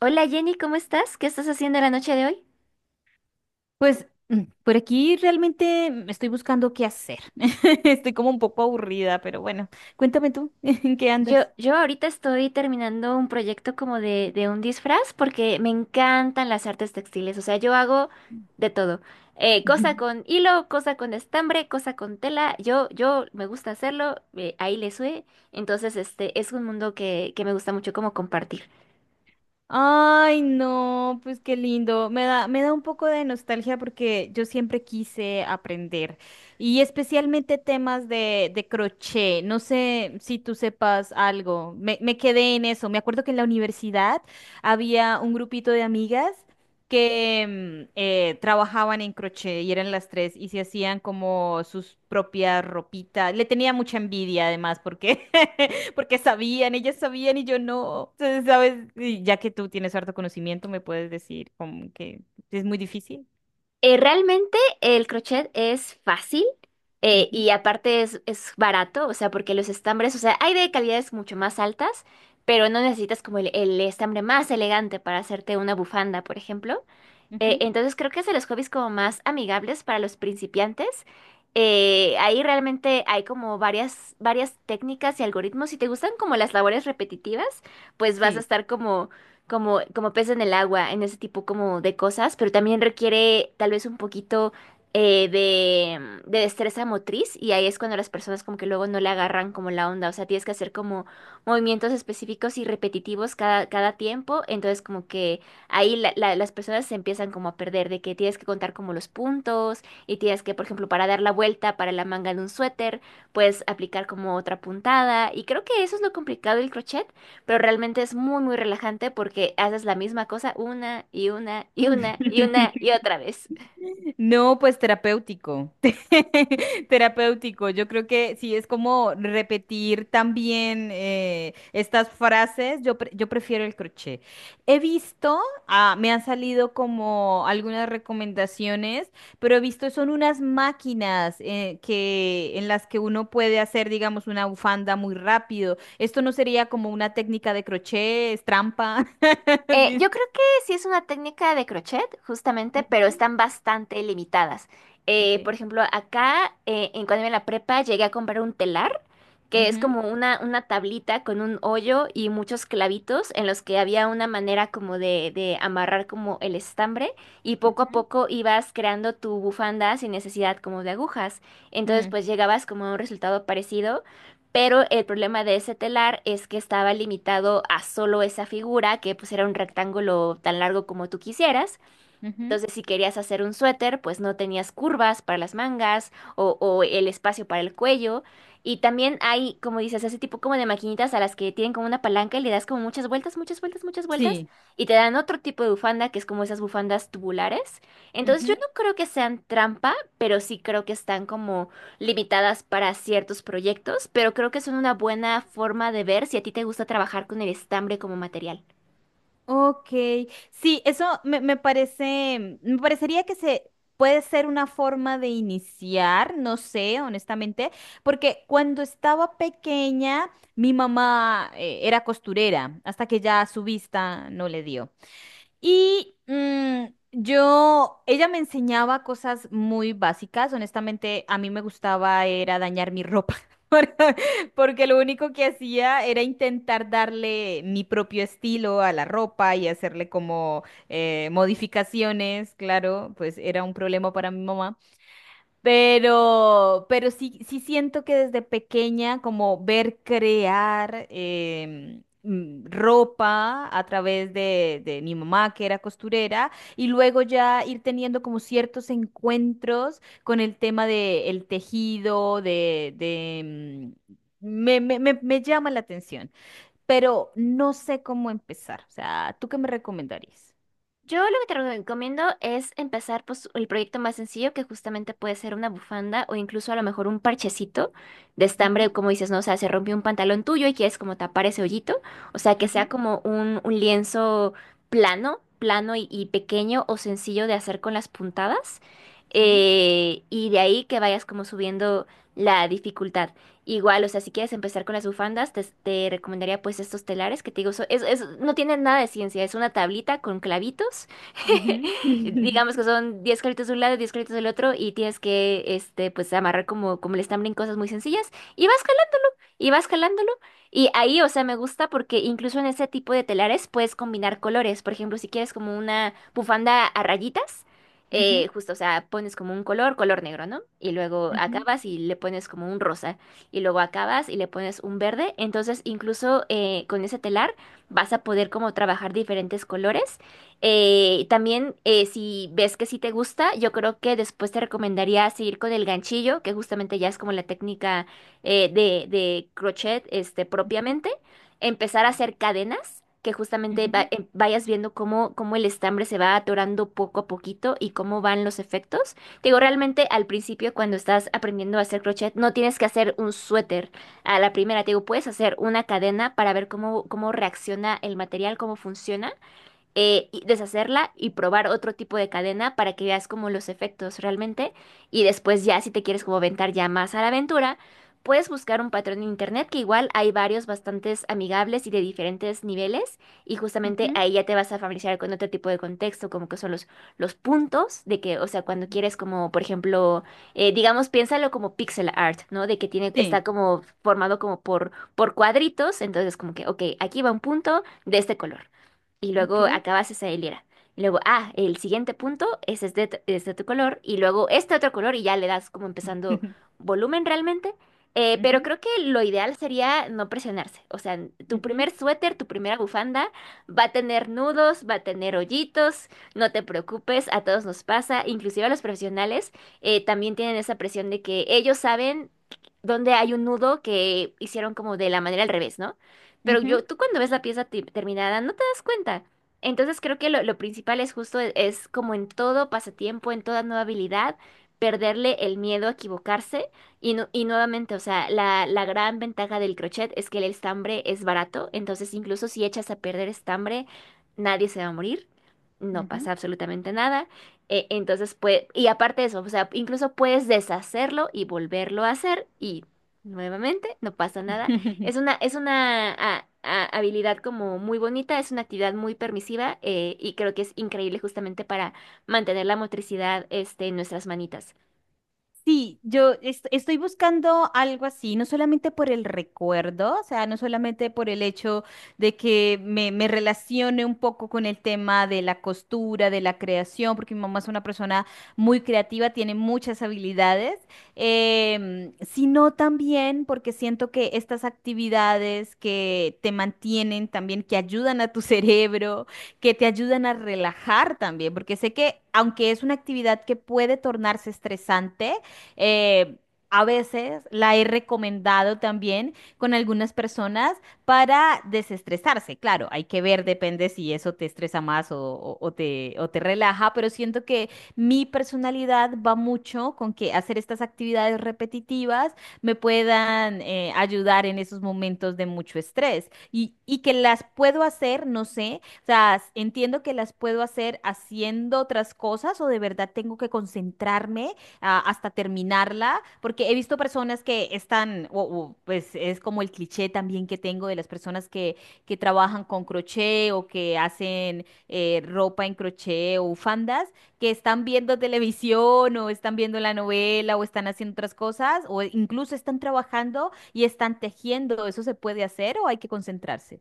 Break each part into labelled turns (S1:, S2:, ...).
S1: Hola Jenny, ¿cómo estás? ¿Qué estás haciendo la noche de hoy?
S2: Pues por aquí realmente estoy buscando qué hacer. Estoy como un poco aburrida, pero bueno, cuéntame tú, ¿en qué
S1: Yo,
S2: andas?
S1: yo ahorita estoy terminando un proyecto como de un disfraz porque me encantan las artes textiles, o sea, yo hago de todo. Cosa con hilo, cosa con estambre, cosa con tela, yo me gusta hacerlo, ahí le sube, entonces este es un mundo que me gusta mucho como compartir.
S2: Ay, no, pues qué lindo. Me da un poco de nostalgia porque yo siempre quise aprender y especialmente temas de crochet. No sé si tú sepas algo. Me quedé en eso. Me acuerdo que en la universidad había un grupito de amigas que trabajaban en crochet y eran las tres y se hacían como sus propias ropitas. Le tenía mucha envidia además porque porque sabían, ellas sabían y yo no. Entonces, ¿sabes? Y ya que tú tienes harto conocimiento, me puedes decir como que es muy difícil.
S1: Realmente el crochet es fácil
S2: Ujú,
S1: y aparte es barato, o sea, porque los estambres, o sea, hay de calidades mucho más altas, pero no necesitas como el estambre más elegante para hacerte una bufanda, por ejemplo.
S2: ujú.
S1: Entonces creo que es de los hobbies como más amigables para los principiantes. Ahí realmente hay como varias técnicas y algoritmos. Si te gustan como las labores repetitivas, pues vas a
S2: Sí.
S1: estar como, como pez en el agua en ese tipo como de cosas, pero también requiere tal vez un poquito de destreza motriz y ahí es cuando las personas como que luego no le agarran como la onda. O sea, tienes que hacer como movimientos específicos y repetitivos cada tiempo. Entonces como que ahí las personas se empiezan como a perder, de que tienes que contar como los puntos y tienes que, por ejemplo, para dar la vuelta para la manga de un suéter, puedes aplicar como otra puntada y creo que eso es lo complicado del crochet, pero realmente es muy, muy relajante porque haces la misma cosa una y una y una y una y otra vez.
S2: No, pues terapéutico, terapéutico. Yo creo que sí, es como repetir también estas frases. Yo prefiero el crochet. He visto, ah, me han salido como algunas recomendaciones, pero he visto son unas máquinas que en las que uno puede hacer, digamos, una bufanda muy rápido. Esto no sería como una técnica de crochet, es trampa. Dice-
S1: Yo creo que sí es una técnica de crochet, justamente, pero
S2: ujú.
S1: están bastante limitadas.
S2: Ok.
S1: Por ejemplo, acá, en cuando iba en la prepa, llegué a comprar un telar, que es
S2: Ujú,
S1: como una tablita con un hoyo y muchos clavitos en los que había una manera como de amarrar como el estambre y poco a
S2: ujú,
S1: poco ibas creando tu bufanda sin necesidad como de agujas. Entonces,
S2: mm,
S1: pues llegabas como a un resultado parecido, pero el problema de ese telar es que estaba limitado a solo esa figura, que pues era un rectángulo tan largo como tú quisieras.
S2: ujú.
S1: Entonces, si querías hacer un suéter, pues no tenías curvas para las mangas o el espacio para el cuello. Y también hay, como dices, ese tipo como de maquinitas a las que tienen como una palanca y le das como muchas vueltas, muchas vueltas, muchas vueltas.
S2: Sí.
S1: Y te dan otro tipo de bufanda que es como esas bufandas tubulares. Entonces, yo
S2: Ujú.
S1: no creo que sean trampa, pero sí creo que están como limitadas para ciertos proyectos. Pero creo que son una buena forma de ver si a ti te gusta trabajar con el estambre como material.
S2: Ok, sí, me parece, me parecería que se puede ser una forma de iniciar, no sé, honestamente, porque cuando estaba pequeña, mi mamá era costurera, hasta que ya su vista no le dio. Y yo, ella me enseñaba cosas muy básicas. Honestamente, a mí me gustaba era dañar mi ropa. Porque porque lo único que hacía era intentar darle mi propio estilo a la ropa y hacerle como modificaciones, claro, pues era un problema para mi mamá. Pero sí, sí siento que desde pequeña, como ver crear ropa a través de mi mamá, que era costurera, y luego ya ir teniendo como ciertos encuentros con el tema de el tejido, de, mm, me, me, me me llama la atención, pero no sé cómo empezar. O sea, ¿tú qué me recomendarías?
S1: Yo lo que te recomiendo es empezar pues, el proyecto más sencillo, que justamente puede ser una bufanda o incluso a lo mejor un parchecito de estambre,
S2: Ujú,
S1: como dices, ¿no? O sea, se rompió un pantalón tuyo y quieres como tapar ese hoyito. O sea, que sea
S2: ujú.
S1: como un lienzo plano, plano y pequeño o sencillo de hacer con las puntadas.
S2: Sí.
S1: Y de ahí que vayas como subiendo la dificultad. Igual, o sea, si quieres empezar con las bufandas, te recomendaría pues estos telares que te digo, no tienen nada de ciencia, es una tablita con clavitos.
S2: Ujú,
S1: Digamos que son 10 clavitos de un lado, 10 clavitos del otro y tienes que, este, pues amarrar como, como el estambre en cosas muy sencillas y vas jalándolo. Y ahí, o sea, me gusta porque incluso en ese tipo de telares puedes combinar colores. Por ejemplo, si quieres como una bufanda a rayitas,
S2: ujú,
S1: justo, o sea, pones como un color, color negro, ¿no? Y luego
S2: ujú, ujú.
S1: acabas y le pones como un rosa. Y luego acabas y le pones un verde. Entonces, incluso con ese telar vas a poder como trabajar diferentes colores. Si ves que sí te gusta, yo creo que después te recomendaría seguir con el ganchillo, que justamente ya es como la técnica de crochet este,
S2: Ujú.
S1: propiamente, empezar a
S2: Sí.
S1: hacer cadenas, que justamente
S2: Ujú,
S1: vayas viendo cómo, cómo el estambre se va atorando poco a poquito y cómo van los efectos. Te digo, realmente al principio cuando estás aprendiendo a hacer crochet, no tienes que hacer un suéter a la primera, te digo, puedes hacer una cadena para ver cómo, cómo reacciona el material, cómo funciona y deshacerla y probar otro tipo de cadena para que veas como los efectos realmente. Y después ya si te quieres como aventar ya más a la aventura, puedes buscar un patrón en internet que igual hay varios bastantes amigables y de diferentes niveles. Y justamente
S2: ujú.
S1: ahí ya te vas a familiarizar con otro tipo de contexto, como que son los puntos de que, o sea, cuando quieres como, por ejemplo, digamos, piénsalo como pixel art, ¿no? De que tiene, está
S2: Sí,
S1: como formado como por cuadritos. Entonces como que, ok, aquí va un punto de este color y luego
S2: ok.
S1: acabas esa hilera. Y luego, ah, el siguiente punto es este, este otro color y luego este otro color y ya le das como empezando volumen realmente. Pero
S2: Ujú,
S1: creo que lo ideal sería no presionarse. O sea, tu
S2: ujú,
S1: primer suéter, tu primera bufanda va a tener nudos, va a tener hoyitos, no te preocupes, a todos nos pasa, inclusive a los profesionales también tienen esa presión de que ellos saben dónde hay un nudo que hicieron como de la manera al revés, ¿no? Pero
S2: ujú,
S1: yo, tú cuando ves la pieza terminada no te das cuenta. Entonces creo que lo principal es justo, es, como en todo pasatiempo, en toda nueva habilidad, perderle el miedo a equivocarse. Y nuevamente, o sea, la gran ventaja del crochet es que el estambre es barato, entonces incluso si echas a perder estambre, nadie se va a morir, no
S2: ujú.
S1: pasa absolutamente nada. Entonces, pues, y aparte de eso, o sea, incluso puedes deshacerlo y volverlo a hacer y nuevamente no pasa nada. Es una, es una habilidad como muy bonita, es una actividad muy permisiva y creo que es increíble justamente para mantener la motricidad este, en nuestras manitas.
S2: Sí, estoy buscando algo así, no solamente por el recuerdo, o sea, no solamente por el hecho de que me relacione un poco con el tema de la costura, de la creación, porque mi mamá es una persona muy creativa, tiene muchas habilidades, em, sino también porque siento que estas actividades que te mantienen también, que ayudan a tu cerebro, que te ayudan a relajar también, porque sé que aunque es una actividad que puede tornarse estresante, eh, a veces la he recomendado también con algunas personas para desestresarse. Claro, hay que ver, depende si eso te estresa más o te relaja, pero siento que mi personalidad va mucho con que hacer estas actividades repetitivas me puedan ayudar en esos momentos de mucho estrés y que las puedo hacer, no sé, o sea, entiendo que las puedo hacer haciendo otras cosas o de verdad tengo que concentrarme hasta terminarla, porque he visto personas que están, pues es como el cliché también que tengo de las personas que trabajan con crochet o que hacen ropa en crochet o bufandas, que están viendo televisión o están viendo la novela o están haciendo otras cosas o incluso están trabajando y están tejiendo. ¿Eso se puede hacer o hay que concentrarse?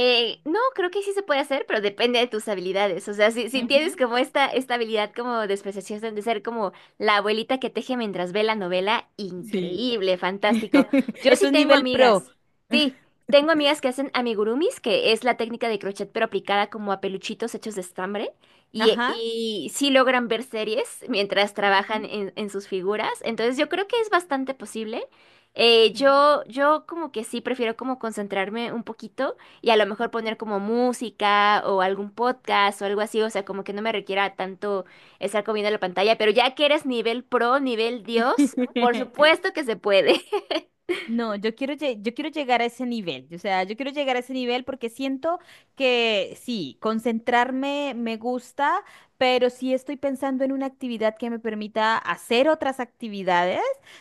S1: No, creo que sí se puede hacer, pero depende de tus habilidades. O sea, si tienes
S2: Ujú.
S1: como esta habilidad como de especialización de ser como la abuelita que teje mientras ve la novela,
S2: Sí.
S1: increíble, fantástico. Yo
S2: Eso
S1: sí
S2: es
S1: tengo
S2: nivel pro.
S1: amigas. Sí, tengo amigas que hacen amigurumis, que es la técnica de crochet pero aplicada como a peluchitos hechos de estambre. Y,
S2: Ajá.
S1: y sí logran ver series mientras trabajan
S2: Ujú.
S1: en sus figuras. Entonces yo creo que es bastante posible. Yo como que sí prefiero como concentrarme un poquito y a lo mejor poner como música o algún podcast o algo así, o sea, como que no me requiera tanto estar comiendo la pantalla, pero ya que eres nivel pro, nivel Dios, por supuesto que se puede.
S2: No, yo quiero, yo quiero llegar a ese nivel, o sea, yo quiero llegar a ese nivel porque siento que sí, concentrarme me gusta, pero sí estoy pensando en una actividad que me permita hacer otras actividades,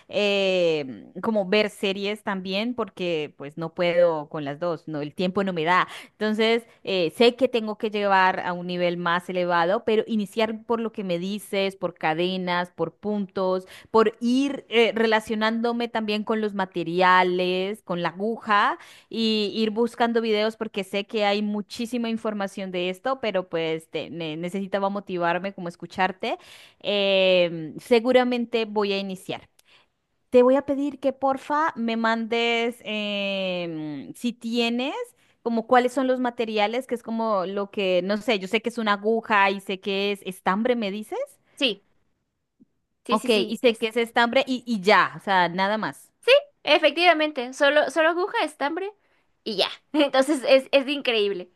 S2: como ver series también, porque pues no puedo con las dos, no, el tiempo no me da. Entonces, sé que tengo que llevar a un nivel más elevado, pero iniciar por lo que me dices, por cadenas, por puntos, por ir relacionándome también con los materiales, con la aguja y ir buscando videos porque sé que hay muchísima información de esto, pero pues necesitaba motivarme como escucharte. Em, seguramente voy a iniciar. Te voy a pedir que porfa me mandes em, si tienes como cuáles son los materiales, que es como lo que, no sé, yo sé que es una aguja y sé que es estambre, ¿me dices?
S1: Sí, sí, sí,
S2: Ok, y
S1: sí,
S2: sé
S1: es
S2: que es estambre y ya, o sea, nada más.
S1: efectivamente, solo aguja, estambre y ya. Entonces es increíble.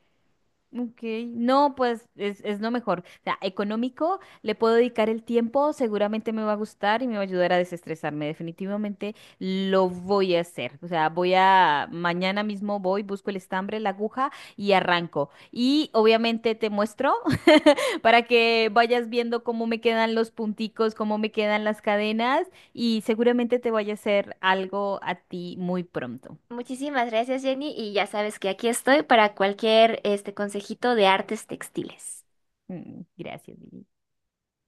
S2: Ok, no, pues es lo mejor. O sea, económico, le puedo dedicar el tiempo, seguramente me va a gustar y me va a ayudar a desestresarme. Definitivamente lo voy a hacer. O sea, voy a, mañana mismo voy, busco el estambre, la aguja y arranco. Y obviamente te muestro para que vayas viendo cómo me quedan los punticos, cómo me quedan las cadenas y seguramente te vaya a hacer algo a ti muy pronto.
S1: Muchísimas gracias, Jenny, y ya sabes que aquí estoy para cualquier este consejito de artes textiles.
S2: Mm, gracias. Vivi.